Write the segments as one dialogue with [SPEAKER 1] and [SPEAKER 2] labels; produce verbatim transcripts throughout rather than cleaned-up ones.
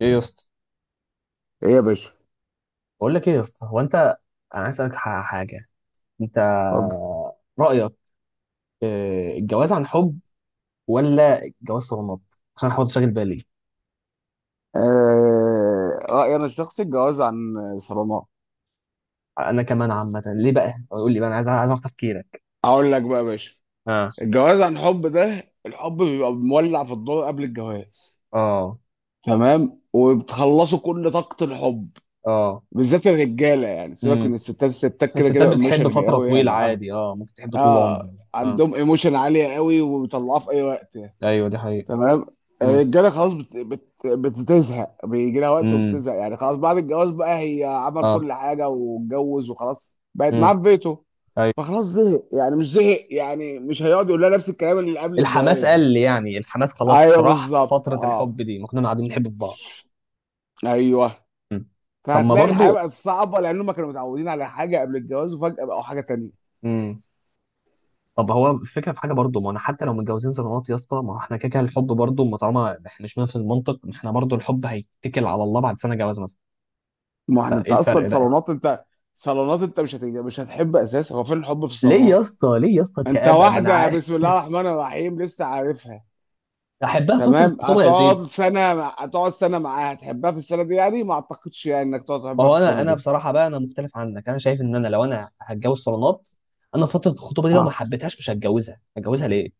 [SPEAKER 1] ايه يا اسطى
[SPEAKER 2] ايه يا باشا.
[SPEAKER 1] بقول لك ايه يا اسطى هو انت انا عايز اسالك ح- حاجه انت
[SPEAKER 2] اتفضل.
[SPEAKER 1] رايك آه، الجواز عن حب ولا الجواز صالونات؟ عشان حاول تشغل بالي
[SPEAKER 2] آه... رأيي انا الشخصي الجواز عن صرامة.
[SPEAKER 1] انا كمان عامه ليه بقى قول لي بقى انا عايز عايز اعرف تفكيرك.
[SPEAKER 2] اقول لك بقى يا باشا.
[SPEAKER 1] اه
[SPEAKER 2] الجواز عن حب ده الحب بيبقى مولع في الدور قبل الجواز،
[SPEAKER 1] اه
[SPEAKER 2] تمام، وبتخلصوا كل طاقة الحب،
[SPEAKER 1] اه
[SPEAKER 2] بالذات الرجالة. يعني سيبك من
[SPEAKER 1] امم.
[SPEAKER 2] الستات، الستات كده
[SPEAKER 1] الستات
[SPEAKER 2] كده
[SPEAKER 1] بتحب
[SPEAKER 2] ايموشنالي
[SPEAKER 1] فتره
[SPEAKER 2] قوي،
[SPEAKER 1] طويله
[SPEAKER 2] يعني اه
[SPEAKER 1] عادي، اه ممكن تحب طول
[SPEAKER 2] اه
[SPEAKER 1] العمر. اه
[SPEAKER 2] عندهم ايموشن عالية قوي وبيطلعوها في اي وقت يعني.
[SPEAKER 1] ايوه دي حقيقه.
[SPEAKER 2] تمام.
[SPEAKER 1] امم
[SPEAKER 2] الرجاله خلاص بت... بت... بتزهق، بيجي لها وقت
[SPEAKER 1] امم
[SPEAKER 2] وبتزهق، يعني خلاص بعد الجواز بقى هي عمل
[SPEAKER 1] اه
[SPEAKER 2] كل حاجه واتجوز وخلاص، بقت معاه
[SPEAKER 1] امم
[SPEAKER 2] في بيته.
[SPEAKER 1] ايوه.
[SPEAKER 2] فخلاص زهق، يعني مش زهق، يعني مش هيقعد يقول لها نفس الكلام اللي قبل
[SPEAKER 1] الحماس
[SPEAKER 2] الجواز يعني.
[SPEAKER 1] قل يعني الحماس خلاص
[SPEAKER 2] ايوه،
[SPEAKER 1] راح،
[SPEAKER 2] بالظبط
[SPEAKER 1] فتره الحب
[SPEAKER 2] اه
[SPEAKER 1] دي ما كنا قاعدين بنحب في بعض.
[SPEAKER 2] ايوه
[SPEAKER 1] مم. طب ما
[SPEAKER 2] فهتلاقي الحياه
[SPEAKER 1] برضو
[SPEAKER 2] بقت صعبه لانهم كانوا متعودين على حاجه قبل الجواز، وفجاه بقوا حاجه تانيه.
[SPEAKER 1] امم، طب هو الفكره في حاجه برضه، ما انا حتى لو متجوزين صالونات يا اسطى، ما هو احنا كده كده الحب برضه، ما طالما احنا مش نفس المنطق ما احنا برضه الحب هيتكل على الله بعد سنه جواز مثلا،
[SPEAKER 2] ما احنا انت
[SPEAKER 1] فايه
[SPEAKER 2] اصلا
[SPEAKER 1] الفرق بقى؟
[SPEAKER 2] صالونات انت. صالونات انت، مش هت... مش هتحب اساسا. هو فين الحب في
[SPEAKER 1] ليه
[SPEAKER 2] الصالونات؟
[SPEAKER 1] يا اسطى ليه يا اسطى
[SPEAKER 2] انت
[SPEAKER 1] الكآبه، ما انا
[SPEAKER 2] واحده
[SPEAKER 1] عارف.
[SPEAKER 2] بسم الله الرحمن الرحيم لسه عارفها.
[SPEAKER 1] احبها فتره
[SPEAKER 2] تمام.
[SPEAKER 1] الخطوبه يا زيد.
[SPEAKER 2] هتقعد سنة مع- هتقعد سنة معاها، هتحبها في السنة دي؟ يعني ما اعتقدش يعني انك تقعد
[SPEAKER 1] ما
[SPEAKER 2] تحبها في
[SPEAKER 1] هو انا
[SPEAKER 2] السنة
[SPEAKER 1] انا
[SPEAKER 2] دي.
[SPEAKER 1] بصراحه بقى، انا مختلف عنك، انا شايف ان انا لو انا هتجوز صالونات انا فتره الخطوبه دي لو ما
[SPEAKER 2] اه،
[SPEAKER 1] حبيتهاش مش هتجوزها، هتجوزها ليه؟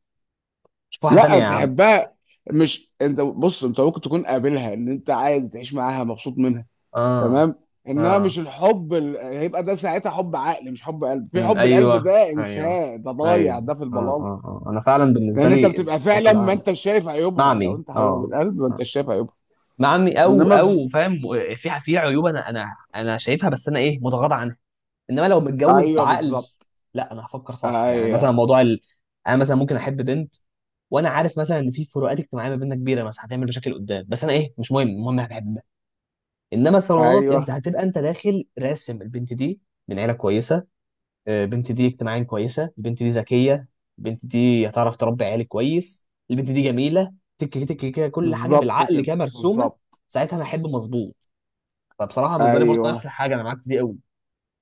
[SPEAKER 1] شوف واحده تانيه
[SPEAKER 2] لا
[SPEAKER 1] يا عم.
[SPEAKER 2] تحبها. مش انت بص، انت ممكن تكون قابلها ان انت عادي تعيش معاها مبسوط منها،
[SPEAKER 1] اه
[SPEAKER 2] تمام، انما
[SPEAKER 1] اه
[SPEAKER 2] مش الحب ال... هيبقى ده ساعتها حب عقل، مش حب قلب. في
[SPEAKER 1] امم
[SPEAKER 2] حب القلب
[SPEAKER 1] ايوه
[SPEAKER 2] ده
[SPEAKER 1] ايوه
[SPEAKER 2] انساه، ده ضايع،
[SPEAKER 1] ايوه
[SPEAKER 2] ده في
[SPEAKER 1] اه
[SPEAKER 2] البلال.
[SPEAKER 1] اه اه. انا فعلا بالنسبه
[SPEAKER 2] لان انت
[SPEAKER 1] لي
[SPEAKER 2] بتبقى
[SPEAKER 1] الحب
[SPEAKER 2] فعلا، ما
[SPEAKER 1] العقل.
[SPEAKER 2] انت شايف
[SPEAKER 1] مع
[SPEAKER 2] عيوبها. لو
[SPEAKER 1] عمي
[SPEAKER 2] انت حبيبها
[SPEAKER 1] اه،
[SPEAKER 2] بالقلب ما
[SPEAKER 1] مع
[SPEAKER 2] انت شايف عيوبها.
[SPEAKER 1] مع عمي او
[SPEAKER 2] انما في...
[SPEAKER 1] او فاهم. في في عيوب انا انا انا شايفها، بس انا ايه متغاضى عنها، انما لو متجوز
[SPEAKER 2] ايوه
[SPEAKER 1] بعقل
[SPEAKER 2] بالظبط.
[SPEAKER 1] لا انا هفكر صح. يعني
[SPEAKER 2] ايوه.
[SPEAKER 1] مثلا موضوع ال... انا مثلا ممكن احب بنت وانا عارف مثلا ان في فروقات اجتماعيه ما بيننا كبيره مثلا هتعمل مشاكل قدام، بس انا ايه مش مهم، المهم انا بحبها. انما الصالونات انت
[SPEAKER 2] ايوه
[SPEAKER 1] هتبقى انت داخل راسم البنت دي من عيله كويسه، البنت دي اجتماعيا كويسه، البنت دي ذكيه، البنت دي هتعرف تربي عيالي كويس، البنت دي جميله، تك تك كده كل حاجه
[SPEAKER 2] بالظبط
[SPEAKER 1] بالعقل
[SPEAKER 2] كده.
[SPEAKER 1] كده مرسومه.
[SPEAKER 2] بالظبط.
[SPEAKER 1] ساعتها انا احب مظبوط. فبصراحه بالنسبه لي برضه نفس
[SPEAKER 2] ايوه،
[SPEAKER 1] الحاجه، انا معاك في دي قوي.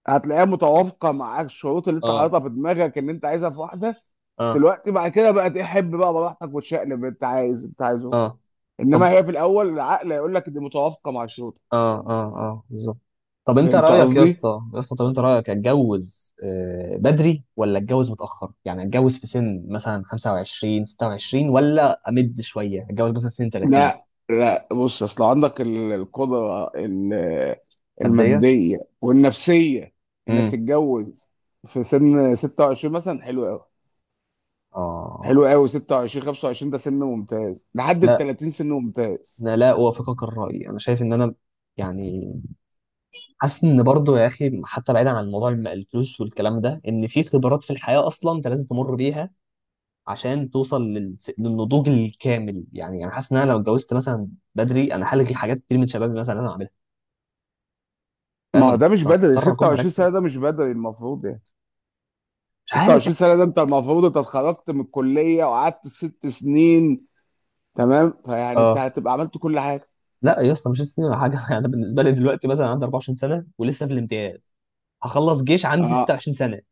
[SPEAKER 2] هتلاقيها متوافقه مع الشروط اللي انت
[SPEAKER 1] اه
[SPEAKER 2] حاططها في دماغك، ان انت عايزها في واحده.
[SPEAKER 1] اه
[SPEAKER 2] دلوقتي بعد كده بقى تحب بقى براحتك وتشقلب، انت عايز انت عايزه بقى.
[SPEAKER 1] اه
[SPEAKER 2] انما
[SPEAKER 1] طب
[SPEAKER 2] هي في الاول العقل هيقول لك دي متوافقه مع الشروط.
[SPEAKER 1] اه اه اه بالظبط. طب انت
[SPEAKER 2] فهمت
[SPEAKER 1] رايك يا
[SPEAKER 2] قصدي؟
[SPEAKER 1] اسطى يا اسطى، طب انت رايك اتجوز آه، بدري ولا اتجوز متاخر؟ يعني اتجوز في سن مثلا خمسة وعشرين ستة وعشرين ولا امد شويه اتجوز مثلا سن ثلاثين؟
[SPEAKER 2] لا. لا بص، اصل عندك ال- القدره ال-
[SPEAKER 1] قد ايه
[SPEAKER 2] الماديه والنفسيه انك
[SPEAKER 1] امم
[SPEAKER 2] تتجوز في سن ستة وعشرين مثلا، حلو قوي.
[SPEAKER 1] اه
[SPEAKER 2] حلو قوي، ستة وعشرين خمسة وعشرين ده سن ممتاز، لحد ال
[SPEAKER 1] لا.
[SPEAKER 2] ثلاثين سن ممتاز.
[SPEAKER 1] انا لا اوافقك الراي، انا شايف ان انا يعني حاسس ان برضو يا اخي، حتى بعيدا عن موضوع الم- الفلوس والكلام ده، ان في خبرات في الحياه اصلا انت لازم تمر بيها عشان توصل لل- للنضوج الكامل. يعني انا حاسس ان انا لو اتجوزت مثلا بدري انا هلغي حاجات كتير من شبابي مثلا لازم اعملها، فاهم
[SPEAKER 2] ما هو
[SPEAKER 1] انا؟
[SPEAKER 2] ده مش
[SPEAKER 1] أنا
[SPEAKER 2] بدري،
[SPEAKER 1] هضطر اكون
[SPEAKER 2] ستة وعشرين سنة ده
[SPEAKER 1] مركز،
[SPEAKER 2] مش بدري المفروض يعني.
[SPEAKER 1] مش عارف.
[SPEAKER 2] ستة وعشرين سنة ده انت المفروض انت اتخرجت من الكلية وقعدت ست سنين، تمام. فيعني انت
[SPEAKER 1] اه
[SPEAKER 2] هتبقى عملت كل حاجة.
[SPEAKER 1] لا يا اسطى مش هستنى ولا حاجه. انا بالنسبه لي دلوقتي مثلا عندي أربعة وعشرين سنة سنه ولسه في الامتياز، هخلص جيش عندي
[SPEAKER 2] اه
[SPEAKER 1] ست وعشرين سنة سنه،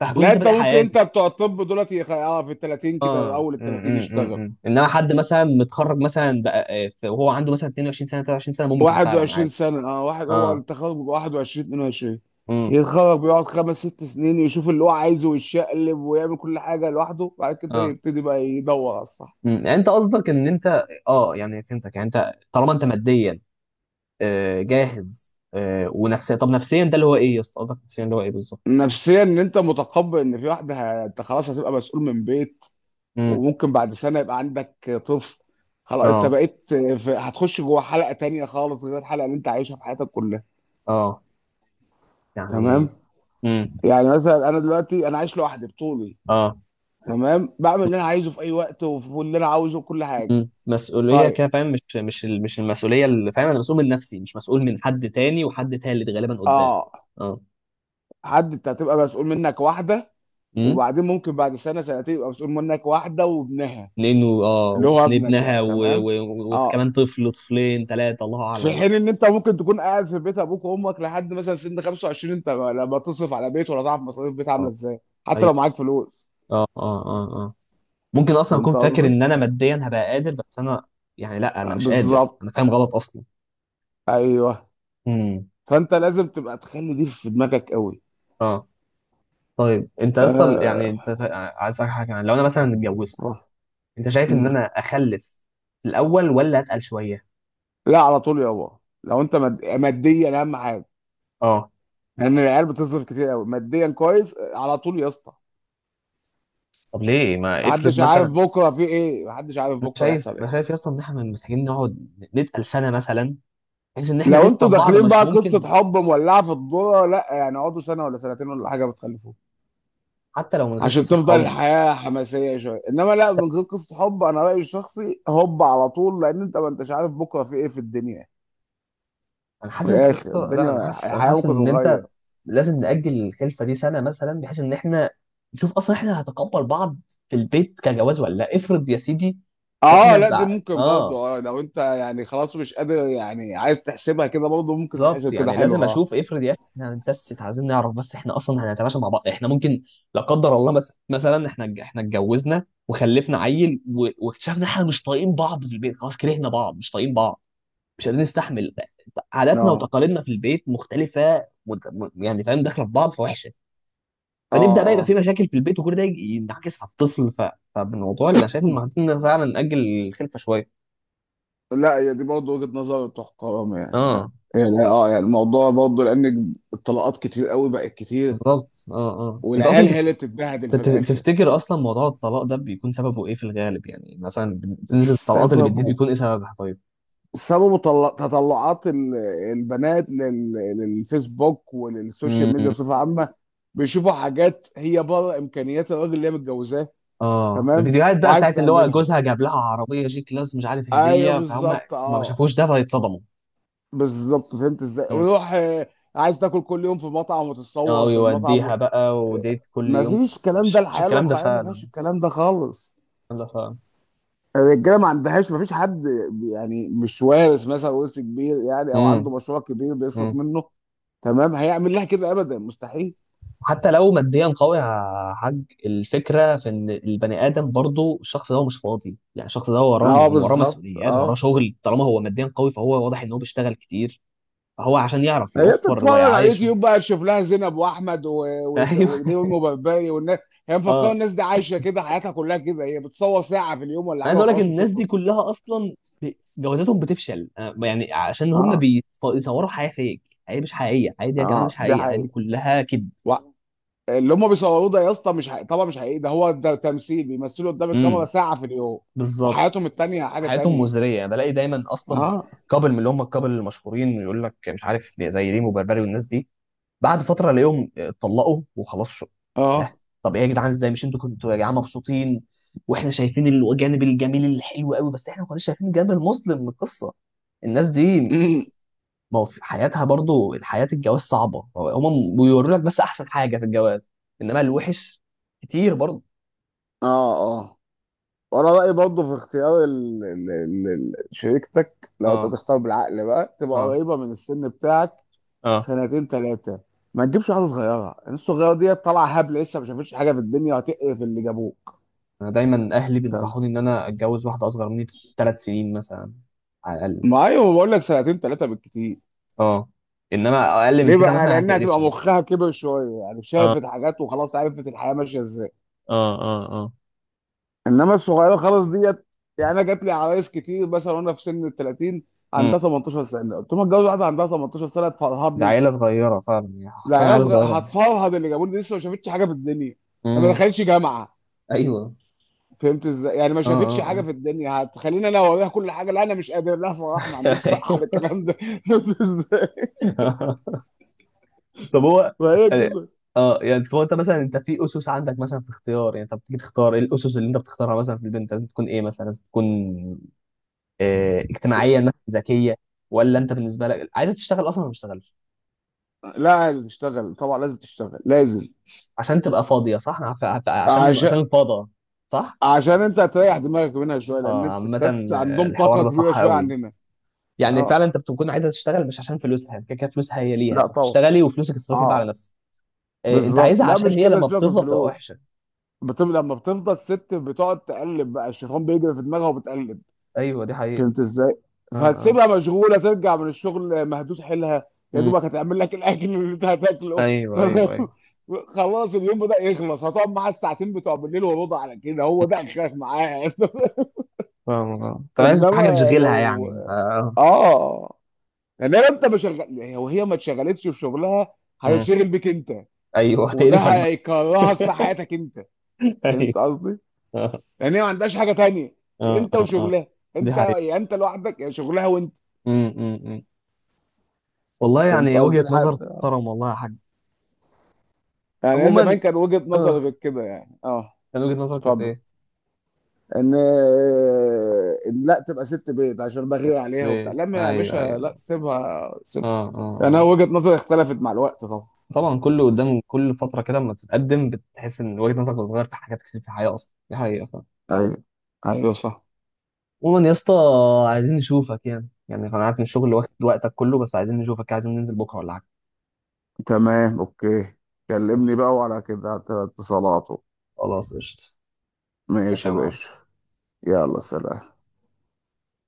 [SPEAKER 1] فهكون
[SPEAKER 2] لا،
[SPEAKER 1] لسه
[SPEAKER 2] انت
[SPEAKER 1] بادئ
[SPEAKER 2] ممكن انت
[SPEAKER 1] حياتي.
[SPEAKER 2] بتوع الطب دولت يخ- اه في ال الثلاثين كده،
[SPEAKER 1] اه
[SPEAKER 2] اول ال
[SPEAKER 1] امم
[SPEAKER 2] الثلاثين
[SPEAKER 1] امم
[SPEAKER 2] يشتغل.
[SPEAKER 1] امم. انما حد مثلا متخرج مثلا بقى آه، في- وهو عنده مثلا اتنين وعشرين سنة سنه ثلاث وعشرين سنة سنه ممكن فعلا
[SPEAKER 2] واحد وعشرين
[SPEAKER 1] عادي.
[SPEAKER 2] سنة، اه، واحد هو
[SPEAKER 1] اه
[SPEAKER 2] التخرج بيبقى واحد وعشرين اتنين وعشرين،
[SPEAKER 1] امم
[SPEAKER 2] يتخرج بيقعد خمس ست سنين يشوف اللي هو عايزه ويشقلب ويعمل كل حاجة لوحده، بعد كده
[SPEAKER 1] اه
[SPEAKER 2] يبتدي بقى يدور على الصح.
[SPEAKER 1] امم. يعني انت قصدك ان انت اه يعني فهمتك، يعني انت طالما انت ماديا آه جاهز آه ونفسيا، طب نفسيا ده اللي هو ايه يا اسطى؟ قصدك نفسيا اللي هو ايه بالظبط؟
[SPEAKER 2] نفسيا ان انت متقبل ان في واحده، ه- انت خلاص هتبقى مسؤول من بيت،
[SPEAKER 1] امم
[SPEAKER 2] وممكن بعد سنة يبقى عندك طفل. خلاص انت
[SPEAKER 1] اه
[SPEAKER 2] بقيت في، هتخش جوه حلقة تانية خالص غير الحلقة اللي انت عايشها في حياتك كلها،
[SPEAKER 1] اه
[SPEAKER 2] تمام.
[SPEAKER 1] يعني امم
[SPEAKER 2] يعني مثلا انا دلوقتي انا عايش لوحدي بطولي،
[SPEAKER 1] اه
[SPEAKER 2] تمام، بعمل اللي انا عايزه في اي وقت، واللي انا عاوزه كل حاجة.
[SPEAKER 1] امم. مسؤوليه
[SPEAKER 2] طيب
[SPEAKER 1] كده فاهم، مش مش ال- مش المسؤوليه اللي فاهم، انا مسؤول من نفسي، مش مسؤول من حد تاني وحد تالت غالبا قدام.
[SPEAKER 2] اه حد انت هتبقى مسؤول منك واحدة،
[SPEAKER 1] اه
[SPEAKER 2] وبعدين ممكن بعد سنة سنتين يبقى مسؤول منك واحدة وابنها،
[SPEAKER 1] لانه اه
[SPEAKER 2] اللي هو
[SPEAKER 1] وكان
[SPEAKER 2] ابنك يعني،
[SPEAKER 1] ابنها و-
[SPEAKER 2] تمام.
[SPEAKER 1] و-
[SPEAKER 2] اه
[SPEAKER 1] وكمان طفل طفلين ثلاثه الله
[SPEAKER 2] في
[SPEAKER 1] اعلم بقى.
[SPEAKER 2] حين ان انت ممكن تكون قاعد في بيت ابوك وامك لحد مثلا سن خمسة وعشرين، انت لما تصرف على بيت ولا تعرف مصاريف بيت عامله
[SPEAKER 1] اه
[SPEAKER 2] ازاي؟ حتى
[SPEAKER 1] ايوه
[SPEAKER 2] لو معاك فلوس.
[SPEAKER 1] اه اه اه اه. ممكن اصلا اكون
[SPEAKER 2] فهمت
[SPEAKER 1] فاكر
[SPEAKER 2] قصدي؟
[SPEAKER 1] ان انا ماديا هبقى قادر، بس انا يعني لا انا
[SPEAKER 2] آه،
[SPEAKER 1] مش قادر، انا
[SPEAKER 2] بالظبط.
[SPEAKER 1] فاهم غلط اصلا.
[SPEAKER 2] ايوه،
[SPEAKER 1] امم
[SPEAKER 2] فانت لازم تبقى تخلي دي في دماغك قوي.
[SPEAKER 1] اه. طيب انت اصلا يعني، انت
[SPEAKER 2] آه.
[SPEAKER 1] عايز اسالك حاجه، يعني لو انا مثلا اتجوزت،
[SPEAKER 2] آه.
[SPEAKER 1] انت شايف ان
[SPEAKER 2] مم.
[SPEAKER 1] انا اخلف في الاول ولا اتقل شويه؟
[SPEAKER 2] لا على طول يابا، لو انت مد... ماديا اهم حاجه،
[SPEAKER 1] اه
[SPEAKER 2] لان العيال بتصرف كتير قوي ماديا كويس. آه، على طول يا اسطى.
[SPEAKER 1] طب ليه ما افرض
[SPEAKER 2] محدش عارف
[SPEAKER 1] مثلا؟
[SPEAKER 2] بكره في ايه، محدش عارف
[SPEAKER 1] انا
[SPEAKER 2] بكره
[SPEAKER 1] شايف
[SPEAKER 2] هيحصل ايه.
[SPEAKER 1] شايف اصلا ان احنا محتاجين نقعد، نتقل سنه مثلا، بحيث ان احنا
[SPEAKER 2] لو انتوا
[SPEAKER 1] نفهم بعض،
[SPEAKER 2] داخلين
[SPEAKER 1] مش
[SPEAKER 2] بقى
[SPEAKER 1] ممكن
[SPEAKER 2] قصة حب مولعة في الدورة، لا يعني اقعدوا سنة ولا سنتين ولا حاجة بتخلفوه،
[SPEAKER 1] حتى لو من غير
[SPEAKER 2] عشان
[SPEAKER 1] قصه
[SPEAKER 2] تفضل
[SPEAKER 1] حب؟
[SPEAKER 2] الحياة حماسية شوية. انما لا،
[SPEAKER 1] حتى
[SPEAKER 2] من غير قصة حب انا رأيي الشخصي هوب على طول، لان انت ما انتش عارف بكرة في ايه في الدنيا.
[SPEAKER 1] انا
[SPEAKER 2] من
[SPEAKER 1] حاسس يا
[SPEAKER 2] الاخر
[SPEAKER 1] اسطى، لا انا
[SPEAKER 2] الدنيا
[SPEAKER 1] حاسس انا
[SPEAKER 2] الحياة
[SPEAKER 1] حاسس
[SPEAKER 2] ممكن
[SPEAKER 1] ان انت
[SPEAKER 2] تتغير.
[SPEAKER 1] لازم نأجل الخلفه دي سنه مثلا، بحيث ان احنا نشوف اصلا احنا هنتقبل بعض في البيت كجواز ولا لا. افرض يا سيدي
[SPEAKER 2] اه،
[SPEAKER 1] احنا
[SPEAKER 2] لا دي
[SPEAKER 1] بقى
[SPEAKER 2] ممكن برضه.
[SPEAKER 1] اه
[SPEAKER 2] اه، لو انت يعني خلاص مش قادر يعني، عايز تحسبها كده، برضه ممكن
[SPEAKER 1] بالظبط،
[SPEAKER 2] تتحسب كده،
[SPEAKER 1] يعني
[SPEAKER 2] حلو.
[SPEAKER 1] لازم
[SPEAKER 2] اه.
[SPEAKER 1] اشوف، افرض يا اخي احنا هنتست عايزين نعرف بس احنا اصلا هنتماشى مع بعض، احنا ممكن لا قدر الله مثلا، مثلا احنا احنا اتجوزنا وخلفنا عيل و- واكتشفنا احنا مش طايقين بعض في البيت، خلاص كرهنا بعض مش طايقين بعض، مش قادرين نستحمل، عاداتنا وتقاليدنا في البيت مختلفه مت- م- يعني فاهم، داخله في بعض فوحشه،
[SPEAKER 2] اه.
[SPEAKER 1] فنبدا بقى يبقى في
[SPEAKER 2] اه.
[SPEAKER 1] مشاكل في البيت، وكل ده يجي- ينعكس على الطفل، ف... فالموضوع اللي انا شايف ان
[SPEAKER 2] اه،
[SPEAKER 1] محتاجين فعلا ناجل الخلفه شويه.
[SPEAKER 2] لا هي دي برضه وجهة نظر تحترم، يعني، لا
[SPEAKER 1] اه
[SPEAKER 2] يعني اه، يعني الموضوع برضه، لان الطلقات كتير قوي، بقت كتير،
[SPEAKER 1] بالظبط اه اه. انت اصلا
[SPEAKER 2] والعيال هي
[SPEAKER 1] تفت...
[SPEAKER 2] اللي بتتبهدل في
[SPEAKER 1] تت-
[SPEAKER 2] الاخر.
[SPEAKER 1] تفتكر اصلا موضوع الطلاق ده بيكون سببه ايه في الغالب؟ يعني مثلا نسبه الطلاقات اللي بتزيد
[SPEAKER 2] السبب،
[SPEAKER 1] بيكون ايه سببها طيب؟
[SPEAKER 2] سببه، طل- تطلعات ال- البنات لل- للفيسبوك وللسوشيال ميديا
[SPEAKER 1] امم
[SPEAKER 2] بصفة عامة. بيشوفوا حاجات هي بره إمكانيات الراجل اللي هي متجوزاه.
[SPEAKER 1] اه.
[SPEAKER 2] تمام،
[SPEAKER 1] الفيديوهات بقى
[SPEAKER 2] وعايز
[SPEAKER 1] بتاعت اللي هو
[SPEAKER 2] تعملها.
[SPEAKER 1] جوزها جاب لها عربيه جي كلاس مش عارف
[SPEAKER 2] ايوه
[SPEAKER 1] هديه، فهم
[SPEAKER 2] بالظبط.
[SPEAKER 1] ما
[SPEAKER 2] اه،
[SPEAKER 1] شافوش ده فيتصدموا.
[SPEAKER 2] بالظبط فهمت ازاي. ويروح آه، عايز تاكل كل يوم في مطعم
[SPEAKER 1] اه
[SPEAKER 2] وتتصور في المطعم.
[SPEAKER 1] ويوديها بقى، وديت كل
[SPEAKER 2] ما
[SPEAKER 1] يوم.
[SPEAKER 2] فيش الكلام ده،
[SPEAKER 1] مش مش
[SPEAKER 2] الحياة
[SPEAKER 1] الكلام ده
[SPEAKER 2] الواقعية ما
[SPEAKER 1] فعلا،
[SPEAKER 2] فيهاش الكلام ده خالص.
[SPEAKER 1] الكلام ده فعلا.
[SPEAKER 2] الرجالة ما عندهاش، ما فيش حد، يعني مش وارث مثلا ورث كبير يعني، او
[SPEAKER 1] امم
[SPEAKER 2] عنده مشروع كبير بيصرف
[SPEAKER 1] امم.
[SPEAKER 2] منه، تمام، هيعمل لها كده. ابدا، مستحيل.
[SPEAKER 1] حتى لو ماديا قوي يا حاج، الفكره في ان البني ادم برضو الشخص ده هو مش فاضي، يعني الشخص ده هو وراه
[SPEAKER 2] اه
[SPEAKER 1] هو وراه
[SPEAKER 2] بالظبط.
[SPEAKER 1] مسؤوليات، وراه
[SPEAKER 2] اه،
[SPEAKER 1] شغل، طالما هو ماديا قوي فهو واضح ان هو بيشتغل كتير، فهو عشان يعرف
[SPEAKER 2] هي
[SPEAKER 1] يوفر
[SPEAKER 2] بتتفرج على
[SPEAKER 1] ويعايشه.
[SPEAKER 2] اليوتيوب بقى، تشوف لها زينب واحمد و... و...
[SPEAKER 1] ايوه
[SPEAKER 2] ونيومي وبربري والناس. هي مفكره
[SPEAKER 1] اه.
[SPEAKER 2] الناس دي عايشه كده حياتها كلها كده؟ هي بتصور ساعه في اليوم ولا
[SPEAKER 1] انا
[SPEAKER 2] حاجه
[SPEAKER 1] عايز اقول لك
[SPEAKER 2] وخلاص
[SPEAKER 1] الناس
[SPEAKER 2] وشكرا.
[SPEAKER 1] دي كلها اصلا ب- جوازاتهم بتفشل، آه، يعني عشان هم
[SPEAKER 2] اه.
[SPEAKER 1] بيصوروا حياه فيك، حياه مش حقيقيه، حياه دي يا جماعه
[SPEAKER 2] اه
[SPEAKER 1] مش
[SPEAKER 2] دي
[SPEAKER 1] حقيقيه، الحياه دي
[SPEAKER 2] حقيقة.
[SPEAKER 1] كلها كذب.
[SPEAKER 2] اللي هم بيصوروه ده يا اسطى مش حقيقي طبعا، مش حقيقي، ده هو ده تمثيل، بيمثلوا قدام الكاميرا
[SPEAKER 1] امم
[SPEAKER 2] ساعة في اليوم، وحياتهم
[SPEAKER 1] بالظبط.
[SPEAKER 2] التانية حاجة
[SPEAKER 1] حياتهم
[SPEAKER 2] تانية.
[SPEAKER 1] مزريه، يعني بلاقي دايما اصلا
[SPEAKER 2] اه.
[SPEAKER 1] كابل من اللي هم الكابل المشهورين يقول لك مش عارف زي ريم وبربري والناس دي، بعد فتره الاقيهم اتطلقوا وخلاص، شو لا.
[SPEAKER 2] اه.
[SPEAKER 1] طب ايه يا جدعان، ازاي؟ مش انتوا كنتوا يا جماعه مبسوطين؟ واحنا شايفين الجانب الجميل الحلو قوي، بس احنا ما كناش شايفين الجانب المظلم من القصه. الناس دي ما هو في حياتها برضو الحياه، الجواز صعبه، هم بيوروا لك بس احسن حاجه في الجواز، انما الوحش كتير برضو.
[SPEAKER 2] اه. اه، وانا رأيي برضه في اختيار ال... ال... ال... ال- شريكتك، لو انت
[SPEAKER 1] اه
[SPEAKER 2] تختار بالعقل بقى، تبقى
[SPEAKER 1] اه
[SPEAKER 2] قريبة من السن بتاعك،
[SPEAKER 1] اه.
[SPEAKER 2] سنتين ثلاثة. ما تجيبش واحدة صغيرة، الناس الصغيرة دي طالعة هبل، لسه ما شافتش حاجة في الدنيا، وهتقرف اللي جابوك.
[SPEAKER 1] انا دايما اهلي
[SPEAKER 2] تمام.
[SPEAKER 1] بينصحوني ان انا اتجوز واحده اصغر مني بثلاث سنين مثلا على الاقل.
[SPEAKER 2] ما ايوه، بقول لك سنتين ثلاثة بالكتير.
[SPEAKER 1] اه انما اقل من
[SPEAKER 2] ليه
[SPEAKER 1] كده
[SPEAKER 2] بقى؟
[SPEAKER 1] مثلا
[SPEAKER 2] لأنها تبقى
[SPEAKER 1] هتقرفني.
[SPEAKER 2] مخها كبر شوية، يعني
[SPEAKER 1] اه
[SPEAKER 2] شافت حاجات وخلاص عرفت الحياة ماشية ازاي.
[SPEAKER 1] اه اه اه
[SPEAKER 2] إنما الصغيرة خلاص ديت. يعني أنا جات لي عرايس كتير مثلا، وأنا في سن ال الثلاثين،
[SPEAKER 1] امم.
[SPEAKER 2] عندها تمنتاشر سنة. قلت لهم اتجوز واحدة عندها تمنتاشر سنة
[SPEAKER 1] ده
[SPEAKER 2] تفرهدني؟
[SPEAKER 1] عيله صغيره فعلا يعني،
[SPEAKER 2] لا،
[SPEAKER 1] حرفيا
[SPEAKER 2] عيال
[SPEAKER 1] عيله
[SPEAKER 2] صغيرة
[SPEAKER 1] صغيره.
[SPEAKER 2] هتفرهد اللي جابوني، دي لسه ما شافتش حاجة في الدنيا، ما
[SPEAKER 1] امم
[SPEAKER 2] دخلتش جامعة.
[SPEAKER 1] ايوه
[SPEAKER 2] فهمت ازاي؟ يعني ما
[SPEAKER 1] اه
[SPEAKER 2] شافتش
[SPEAKER 1] اه
[SPEAKER 2] حاجة
[SPEAKER 1] اه.
[SPEAKER 2] في الدنيا، هتخليني أنا أوريها كل حاجة. لا، أنا مش قادر، لا صراحة ما عنديش صحة على
[SPEAKER 1] أيوة.
[SPEAKER 2] الكلام ده فهمت ازاي؟
[SPEAKER 1] طب هو
[SPEAKER 2] فهي
[SPEAKER 1] يعني،
[SPEAKER 2] كده.
[SPEAKER 1] اه يعني هو انت مثلا انت في اسس عندك مثلا في اختيار، يعني انت بتيجي تختار ايه الاسس اللي انت بتختارها مثلا في البنت؟ لازم تكون ايه مثلا؟ لازم تكون آه، اجتماعيا مثلا ذكيه، ولا انت بالنسبه لك عايزه تشتغل اصلا ولا ما تشتغلش؟
[SPEAKER 2] لا تشتغل طبعا، لازم تشتغل لازم.
[SPEAKER 1] عشان تبقى فاضية صح؟ أنا عارف- عارف- عشان
[SPEAKER 2] عشان
[SPEAKER 1] عشان الفاضة صح؟
[SPEAKER 2] عشان انت هتريح دماغك منها شويه، لان
[SPEAKER 1] اه
[SPEAKER 2] الستات
[SPEAKER 1] عامة آه،
[SPEAKER 2] عندهم
[SPEAKER 1] الحوار
[SPEAKER 2] طاقه
[SPEAKER 1] ده
[SPEAKER 2] كبيره
[SPEAKER 1] صح
[SPEAKER 2] شويه
[SPEAKER 1] قوي.
[SPEAKER 2] عننا.
[SPEAKER 1] يعني فعلا
[SPEAKER 2] اه،
[SPEAKER 1] انت بتكون عايزة تشتغل مش عشان فلوسها، كده كده فلوسها هي
[SPEAKER 2] لا
[SPEAKER 1] ليها
[SPEAKER 2] طبعا.
[SPEAKER 1] تشتغلي وفلوسك تصرفي بقى على
[SPEAKER 2] اه
[SPEAKER 1] نفسك. آه، انت
[SPEAKER 2] بالظبط.
[SPEAKER 1] عايزها
[SPEAKER 2] لا
[SPEAKER 1] عشان
[SPEAKER 2] مش
[SPEAKER 1] هي
[SPEAKER 2] كده،
[SPEAKER 1] لما
[SPEAKER 2] سيبك من
[SPEAKER 1] بتفضى بتبقى
[SPEAKER 2] الفلوس.
[SPEAKER 1] وحشة.
[SPEAKER 2] بت... لما بتفضل ست بتقعد تقلب بقى، الشيطان بيجري في دماغها وبتقلب.
[SPEAKER 1] ايوه دي حقيقة.
[SPEAKER 2] فهمت ازاي؟
[SPEAKER 1] اه اه
[SPEAKER 2] فهتسيبها مشغوله، ترجع من الشغل مهدوس حيلها، يا
[SPEAKER 1] مم.
[SPEAKER 2] دوبك هتعمل لك الاكل اللي انت هتاكله
[SPEAKER 1] ايوه
[SPEAKER 2] تمام،
[SPEAKER 1] ايوه ايوه.
[SPEAKER 2] خلاص اليوم بدأ يخلص، هتقعد معاها الساعتين بتوع بالليل وربع على كده، هو
[SPEAKER 1] مم.
[SPEAKER 2] ده اخرك معاها.
[SPEAKER 1] فاهم آه. انت عايز
[SPEAKER 2] انما
[SPEAKER 1] حاجة تشغلها
[SPEAKER 2] لو
[SPEAKER 1] يعني آه.
[SPEAKER 2] اه يعني لو انت ما شغل وهي ما اتشغلتش في شغلها،
[SPEAKER 1] مم.
[SPEAKER 2] هتشغل بيك انت،
[SPEAKER 1] ايوه
[SPEAKER 2] وده
[SPEAKER 1] تقرفك بقى.
[SPEAKER 2] هيكرهك في حياتك انت.
[SPEAKER 1] ايوه
[SPEAKER 2] فهمت قصدي؟
[SPEAKER 1] اه
[SPEAKER 2] يعني هي ما عندهاش حاجه تانية،
[SPEAKER 1] اه
[SPEAKER 2] انت
[SPEAKER 1] اه آه.
[SPEAKER 2] وشغلها،
[SPEAKER 1] دي
[SPEAKER 2] انت،
[SPEAKER 1] حقيقة.
[SPEAKER 2] يا انت لوحدك يا شغلها وانت.
[SPEAKER 1] م- م- م. والله
[SPEAKER 2] فهمت
[SPEAKER 1] يعني
[SPEAKER 2] قصدي؟
[SPEAKER 1] وجهة نظر
[SPEAKER 2] لحد
[SPEAKER 1] محترم، والله يا حاج.
[SPEAKER 2] يعني هي
[SPEAKER 1] عموما
[SPEAKER 2] زمان، كان وجهة نظر
[SPEAKER 1] اه،
[SPEAKER 2] غير كده يعني، اه.
[SPEAKER 1] كان وجهة نظرك كانت
[SPEAKER 2] اتفضل.
[SPEAKER 1] ايه؟
[SPEAKER 2] ان ان لا تبقى ست بيت عشان بغير عليها وبتاع،
[SPEAKER 1] ليه؟
[SPEAKER 2] لا ما يا
[SPEAKER 1] ايوه
[SPEAKER 2] باشا،
[SPEAKER 1] ايوه
[SPEAKER 2] لا سيبها
[SPEAKER 1] اه
[SPEAKER 2] سيبها.
[SPEAKER 1] اه
[SPEAKER 2] يعني انا
[SPEAKER 1] اه.
[SPEAKER 2] وجهة نظري اختلفت مع الوقت طبعا.
[SPEAKER 1] طبعا كل قدام كل فتره كده اما تتقدم بتحس ان وجهة نظرك بتتغير في حاجات كتير في الحياه اصلا، دي حقيقه فعلا.
[SPEAKER 2] ايوه. ايوه صح.
[SPEAKER 1] عموما يا اسطى عايزين نشوفك، يعني يعني انا عارف ان الشغل واخد وقتك كله، بس عايزين نشوفك، عايزين ننزل بكره ولا حاجه.
[SPEAKER 2] تمام، اوكي، كلمني بقى وعلى كده على اتصالاته.
[SPEAKER 1] خلاص قشطه.
[SPEAKER 2] ماشي
[SPEAKER 1] ماشي يا
[SPEAKER 2] يا
[SPEAKER 1] معلم.
[SPEAKER 2] باشا، يلا سلام.